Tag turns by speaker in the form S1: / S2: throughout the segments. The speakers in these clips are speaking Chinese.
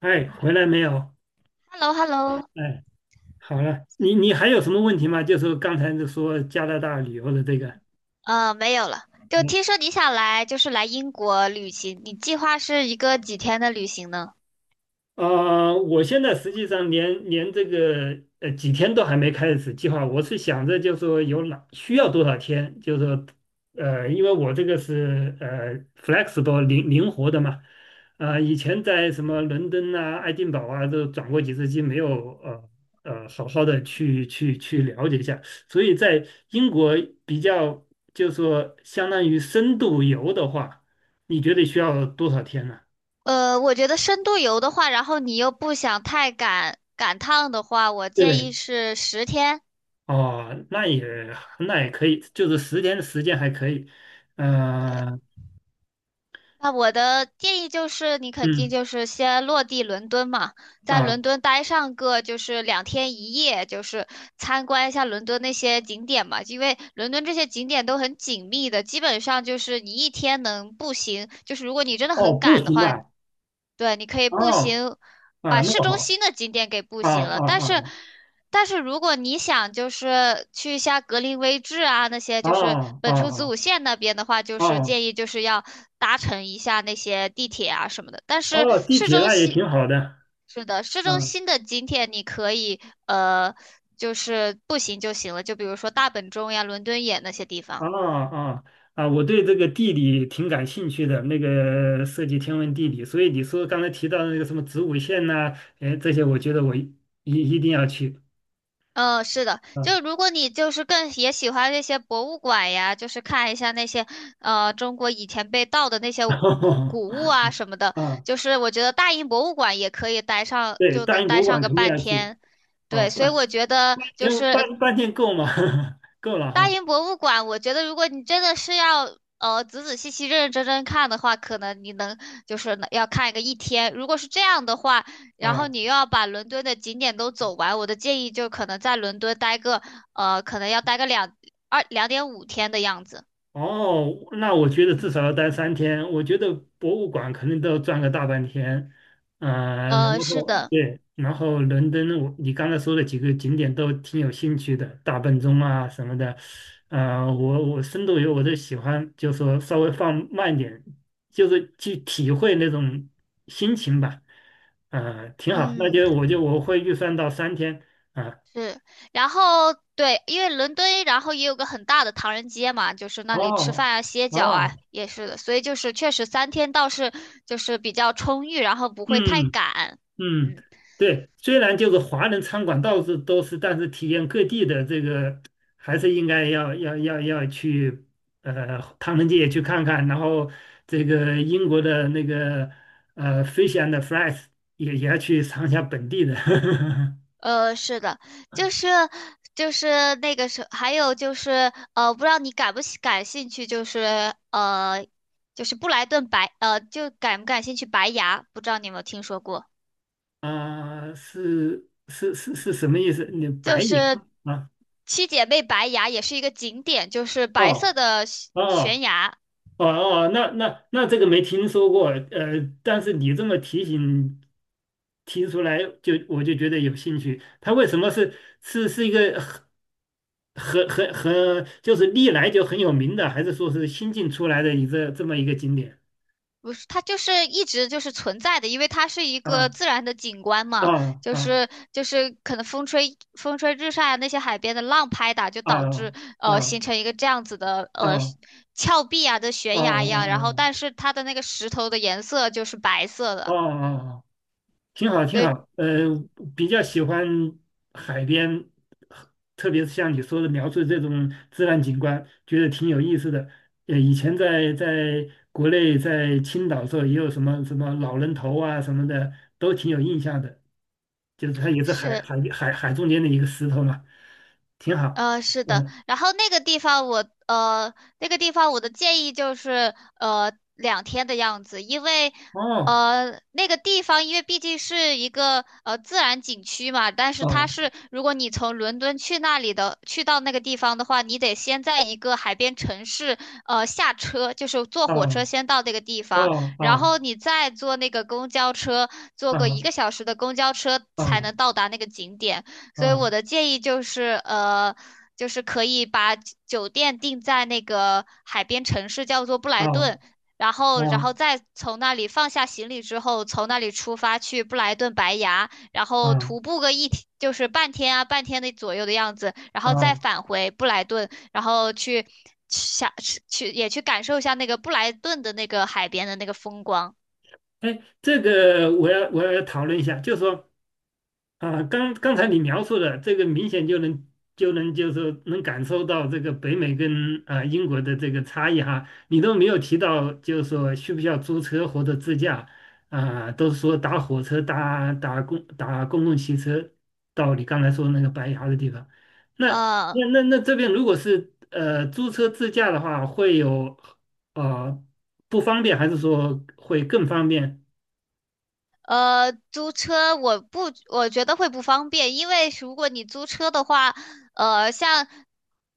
S1: 哎，回来没有？
S2: hello hello
S1: 哎，好了，你还有什么问题吗？就是刚才就说加拿大旅游的这个，
S2: 没有了。就听说你想来，就是来英国旅行，你计划是一个几天的旅行呢？
S1: 啊，我现在实际上连这个几天都还没开始计划，我是想着就说有哪需要多少天，就说因为我这个是flexible 灵活的嘛，呃，以前在什么伦敦啊、爱丁堡啊都转过几次机，没有好好的去了解一下，所以在英国比较就说相当于深度游的话，你觉得需要多少天呢？
S2: 我觉得深度游的话，然后你又不想太赶赶趟的话，我建议
S1: 对。
S2: 是10天。
S1: 哦，那也可以，就是10天的时间还可以。嗯、
S2: 那我的建议就是，你肯定
S1: 嗯
S2: 就是先落地伦敦嘛，在
S1: 啊
S2: 伦敦待上个就是2天1夜，就是参观一下伦敦那些景点嘛，因为伦敦这些景点都很紧密的，基本上就是你一天能步行，就是如果你真的
S1: 哦，
S2: 很
S1: 不
S2: 赶的
S1: 行
S2: 话，
S1: 啊，
S2: 对，你可以步
S1: 哦
S2: 行
S1: 啊，
S2: 把
S1: 那
S2: 市
S1: 么
S2: 中
S1: 好
S2: 心的景点给步
S1: 啊
S2: 行了，
S1: 啊
S2: 但是，
S1: 啊
S2: 但是如果你想就是去一下格林威治啊那些
S1: 啊
S2: 就是
S1: 哦
S2: 本初子
S1: 啊
S2: 午线那边的话，就
S1: 哦
S2: 是
S1: 啊
S2: 建议就是要搭乘一下那些地铁啊什么的。但是
S1: 哦，地
S2: 市
S1: 铁
S2: 中
S1: 那也
S2: 心
S1: 挺好的。
S2: 是的，市中
S1: 嗯
S2: 心的景点你可以就是步行就行了，就比如说大本钟呀、伦敦眼那些地
S1: 啊
S2: 方。
S1: 啊啊，我对这个地理挺感兴趣的，那个涉及天文地理，所以你说刚才提到的那个什么子午线呐、哎，这些我觉得我一定要去。
S2: 嗯，是的，
S1: 啊
S2: 就如果你就是更也喜欢那些博物馆呀，就是看一下那些中国以前被盗的那些古物啊什 么的，
S1: 啊，
S2: 就是我觉得大英博物馆也可以待上，
S1: 对，
S2: 就
S1: 大
S2: 能
S1: 英博
S2: 待
S1: 物
S2: 上
S1: 馆
S2: 个
S1: 肯定
S2: 半
S1: 要去。
S2: 天。
S1: 哦，
S2: 对，所以
S1: 半，
S2: 我觉得就
S1: 因为
S2: 是
S1: 半天够吗？够了
S2: 大
S1: 哈。
S2: 英博物馆，我觉得如果你真的是要仔仔细细、认认真真看的话，可能你能就是能要看一天。如果是这样的话，然后
S1: 啊，
S2: 你又要把伦敦的景点都走完，我的建议就可能在伦敦待个可能要待个2.5天的样子。
S1: 哦，那我觉得至少要待三天。我觉得博物馆可能都要转个大半天。啊，然后
S2: 是的，
S1: 对，然后伦敦我，你刚才说的几个景点都挺有兴趣的，大笨钟啊什么的。啊，我深度游我都喜欢，就说稍微放慢点，就是去体会那种心情吧。啊，挺好，那
S2: 嗯。
S1: 就我会预算到三天。啊。
S2: 是，然后对，因为伦敦，然后也有个很大的唐人街嘛，就是那里吃
S1: 哦
S2: 饭啊、歇脚啊，
S1: 哦，
S2: 也是的，所以就是确实3天倒是就是比较充裕，然后不会太
S1: 嗯
S2: 赶。
S1: 嗯，
S2: 嗯，
S1: 对，虽然就是华人餐馆到处都是，但是体验各地的这个还是应该要去唐人街也去看看，然后这个英国的那个fish and fries 也要去尝一下本地的
S2: 是的，就是就是那个是，还有就是不知道你感不喜感兴趣，就是就是布莱顿就感不感兴趣白牙，不知道你有没有听说过。
S1: 啊、是什么意思？你白
S2: 就
S1: 银
S2: 是
S1: 啊？
S2: 七姐妹白崖也是一个景点，就是白色
S1: 哦
S2: 的悬悬
S1: 哦
S2: 崖，
S1: 哦哦，那这个没听说过，呃，但是你这么提出来就，我就觉得有兴趣。它为什么是一个很就是历来就很有名的，还是说是新近出来的一个这么一个景点？
S2: 不是它就是一直就是存在的，因为它是一个
S1: 啊
S2: 自然的景观嘛，
S1: 啊
S2: 就
S1: 啊
S2: 是就是可能风吹日晒啊，那些海边的浪拍打，就
S1: 啊
S2: 导致
S1: 啊啊
S2: 形成一个这样子的
S1: 啊
S2: 峭壁啊的
S1: 啊
S2: 悬崖一样，然
S1: 啊
S2: 后但是它的那个石头的颜色就是白色
S1: 啊
S2: 的，
S1: 啊！啊挺好，
S2: 所
S1: 挺
S2: 以
S1: 好。呃，比较喜欢海边，特别是像你说的描述这种自然景观，觉得挺有意思的。呃，以前在国内在青岛的时候，也有什么什么老人头啊什么的，都挺有印象的。就是它也是海
S2: 是。
S1: 海海海中间的一个石头嘛，挺好。
S2: 是的，
S1: 嗯，
S2: 然后那个地方我呃，那个地方我的建议就是两天的样子，因为
S1: 哦，
S2: 那个地方因为毕竟是一个自然景区嘛，但是它
S1: 哦，
S2: 是如果你从伦敦去那里的去到那个地方的话，你得先在一个海边城市下车，就是坐火
S1: 哦，
S2: 车先到那个地方，然
S1: 哦，
S2: 后你再坐那个公交车，坐个一
S1: 哦，
S2: 个小时的公交车才
S1: 哦，
S2: 能到达那个景点。所以
S1: 哦，
S2: 我的建议就是，就是可以把酒店定在那个海边城市，叫做布
S1: 哦，
S2: 莱顿，
S1: 哦，
S2: 然后，
S1: 哦，
S2: 然后
S1: 哦，
S2: 再从那里放下行李之后，从那里出发去布莱顿白崖，然
S1: 哦，
S2: 后
S1: 哦，
S2: 徒步个一天，就是半天啊，半天的左右的样子，然后再
S1: 哦
S2: 返回布莱顿，然后去下去也去感受一下那个布莱顿的那个海边的那个风光。
S1: 哎，这个我要讨论一下，就是说啊，刚刚才你描述的这个明显就能就是说能感受到这个北美跟英国的这个差异哈，你都没有提到就是说需不需要租车或者自驾啊，都是说打火车搭公共汽车到你刚才说那个白崖的地方，那
S2: 呃，
S1: 那这边如果是租车自驾的话，会有呃不方便还是说会更方便？
S2: 租车我不，我觉得会不方便，因为如果你租车的话，呃，像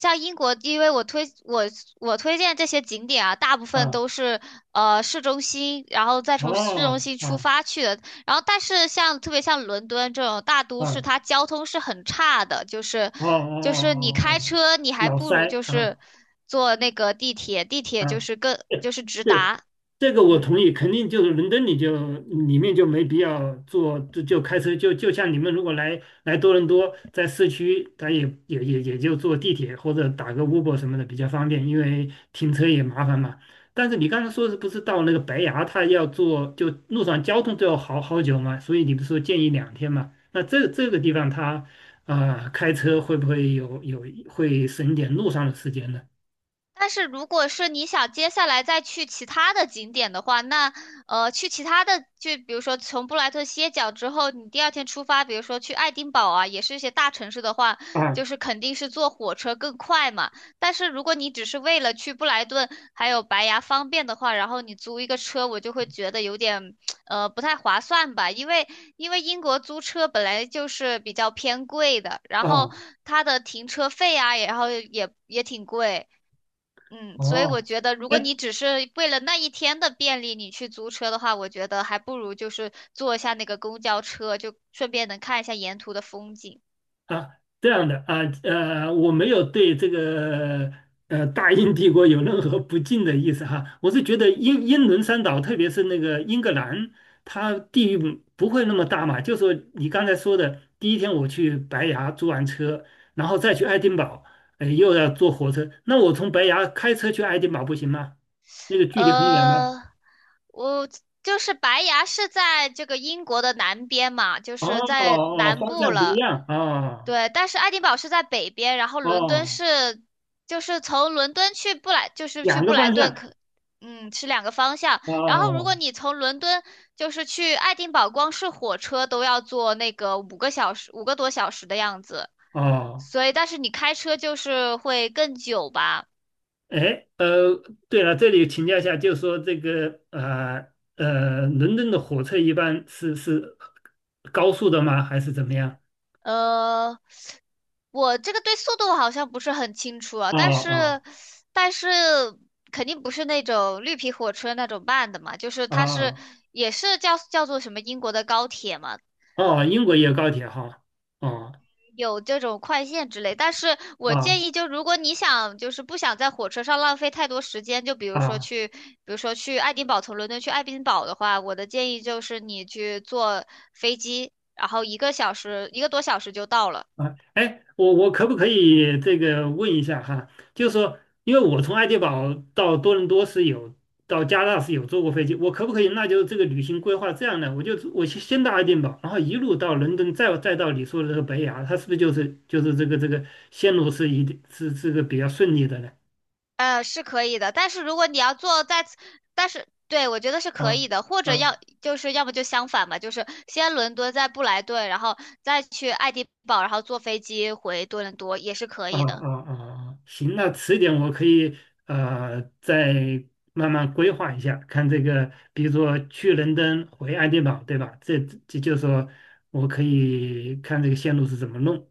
S2: 像英国，因为我推荐这些景点啊，大部分
S1: 啊，
S2: 都是市中心，然后再从市中
S1: 哦，
S2: 心出
S1: 哦，
S2: 发去的。然后，但是像特别像伦敦这种大都市，
S1: 哦，
S2: 它交通是很差的，就是
S1: 哦，
S2: 就
S1: 哦，
S2: 是
S1: 哦，
S2: 你开
S1: 哦，
S2: 车，你还
S1: 脑
S2: 不如
S1: 塞
S2: 就是
S1: 啊。
S2: 坐那个地铁，地铁就
S1: 啊，
S2: 是更
S1: 对
S2: 就是直
S1: 对，
S2: 达，
S1: 这个我
S2: 嗯。
S1: 同意，肯定就是伦敦你就里面就没必要坐，就开车就像你们如果来多伦多，在市区，他也就坐地铁或者打个 Uber 什么的比较方便，因为停车也麻烦嘛。但是你刚才说是不是到那个白崖，他要坐就路上交通都要好好久嘛？所以你不是说建议2天嘛？那这个地方他啊、开车会不会会省一点路上的时间呢？
S2: 但是如果是你想接下来再去其他的景点的话，那去其他的，就比如说从布莱顿歇脚之后，你第二天出发，比如说去爱丁堡啊，也是一些大城市的话，就
S1: 啊
S2: 是肯定是坐火车更快嘛。但是如果你只是为了去布莱顿还有白崖方便的话，然后你租一个车，我就会觉得有点不太划算吧，因为英国租车本来就是比较偏贵的，然后
S1: 啊
S2: 它的停车费啊，然后也挺贵。嗯，所以我
S1: 哦，
S2: 觉得，如果
S1: 哎
S2: 你只是为了那一天的便利，你去租车的话，我觉得还不如就是坐一下那个公交车，就顺便能看一下沿途的风景。
S1: 啊，这样的啊，呃，我没有对这个大英帝国有任何不敬的意思哈，我是觉得英伦三岛，特别是那个英格兰，它地域不会那么大嘛。就说你刚才说的，第一天我去白崖租完车，然后再去爱丁堡，哎，又要坐火车，那我从白崖开车去爱丁堡不行吗？那个距离很远吗？
S2: 呃，我就是白崖是在这个英国的南边嘛，就
S1: 哦
S2: 是
S1: 哦，
S2: 在
S1: 哦
S2: 南
S1: 方
S2: 部
S1: 向不一
S2: 了。
S1: 样啊，
S2: 对，但是爱丁堡是在北边，然后伦敦
S1: 哦，
S2: 是就是从伦敦去布莱，就是去
S1: 两
S2: 布
S1: 个
S2: 莱
S1: 方
S2: 顿
S1: 向
S2: 可，嗯，是两个方向。然后如果
S1: 哦。
S2: 你从伦敦就是去爱丁堡，光是火车都要坐那个5个小时，5个多小时的样子。
S1: 哦，
S2: 所以，但是你开车就是会更久吧。
S1: 哎，呃，对了，这里请教一下，就是说这个伦敦的火车一般是高速的吗？还是怎么样？
S2: 呃，我这个对速度好像不是很清楚啊，
S1: 哦
S2: 但
S1: 哦
S2: 是，但是肯定不是那种绿皮火车那种慢的嘛，就是它是
S1: 哦
S2: 也是叫做什么英国的高铁嘛，
S1: 哦，英国也有高铁哈。哦
S2: 有这种快线之类。但是我
S1: 哦
S2: 建议，就如果你想就是不想在火车上浪费太多时间，就比如说
S1: 哦。
S2: 去，比如说去爱丁堡，从伦敦去爱丁堡的话，我的建议就是你去坐飞机，然后一个小时一个多小时就到了。
S1: 啊，哎，我可不可以这个问一下哈？就是说，因为我从爱丁堡到多伦多是有，到加拿大是有坐过飞机，我可不可以？那就是这个旅行规划这样的，我先到爱丁堡，然后一路到伦敦，再到你说的这个北雅，它是不是就是这个线路是一定是这个比较顺利的呢？
S2: 是可以的，但是如果你要做在此，但是对我觉得是可
S1: 啊
S2: 以的，或者
S1: 啊
S2: 要就是要么就相反吧，就是先伦敦，再布莱顿，然后再去爱丁堡，然后坐飞机回多伦多也是可
S1: 啊
S2: 以的。
S1: 啊啊！行，那迟一点我可以再慢慢规划一下，看这个，比如说去伦敦回爱丁堡，对吧？这就是说我可以看这个线路是怎么弄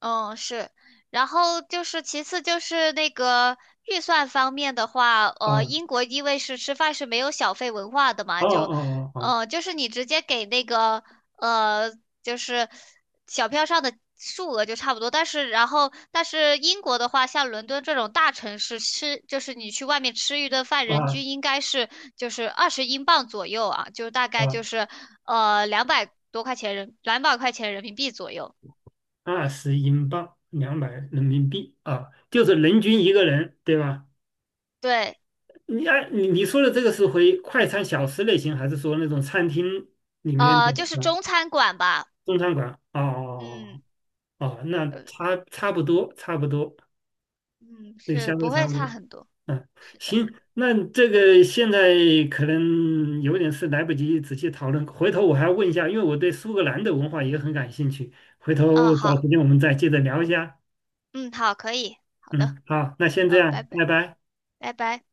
S2: 嗯，是，然后就是其次就是那个预算方面的话，
S1: 啊。
S2: 英国因为是吃饭是没有小费文化的嘛，
S1: 哦
S2: 就，
S1: 哦哦
S2: 就是你直接给那个呃，就是小票上的数额就差不多，但是然后但是英国的话，像伦敦这种大城市吃，就是你去外面吃一顿饭，
S1: 哦
S2: 人
S1: 啊
S2: 均应该是就是20英镑左右啊，就大概
S1: 啊！
S2: 就是200多块钱人，200块钱人民币左右，
S1: 20英镑，200人民币啊，就是人均一个人，对吧？
S2: 对。
S1: 你按你说的这个是回快餐小吃类型，还是说那种餐厅里面的
S2: 就是
S1: 啊
S2: 中餐馆吧，
S1: 中餐馆？哦哦哦。哦
S2: 嗯，
S1: 哦，那
S2: 呃，
S1: 差不多，差不多，
S2: 嗯，
S1: 对，
S2: 是
S1: 相对
S2: 不
S1: 差
S2: 会
S1: 不
S2: 差
S1: 多。
S2: 很多，
S1: 嗯，
S2: 是的，
S1: 行，那这个现在可能有点事，来不及仔细讨论，回头我还要问一下，因为我对苏格兰的文化也很感兴趣，回
S2: 嗯，
S1: 头找时
S2: 好，
S1: 间我们再接着聊一下。
S2: 嗯，好，可以，好的，
S1: 嗯，好，那先这
S2: 嗯，拜
S1: 样，拜
S2: 拜，
S1: 拜。
S2: 拜拜。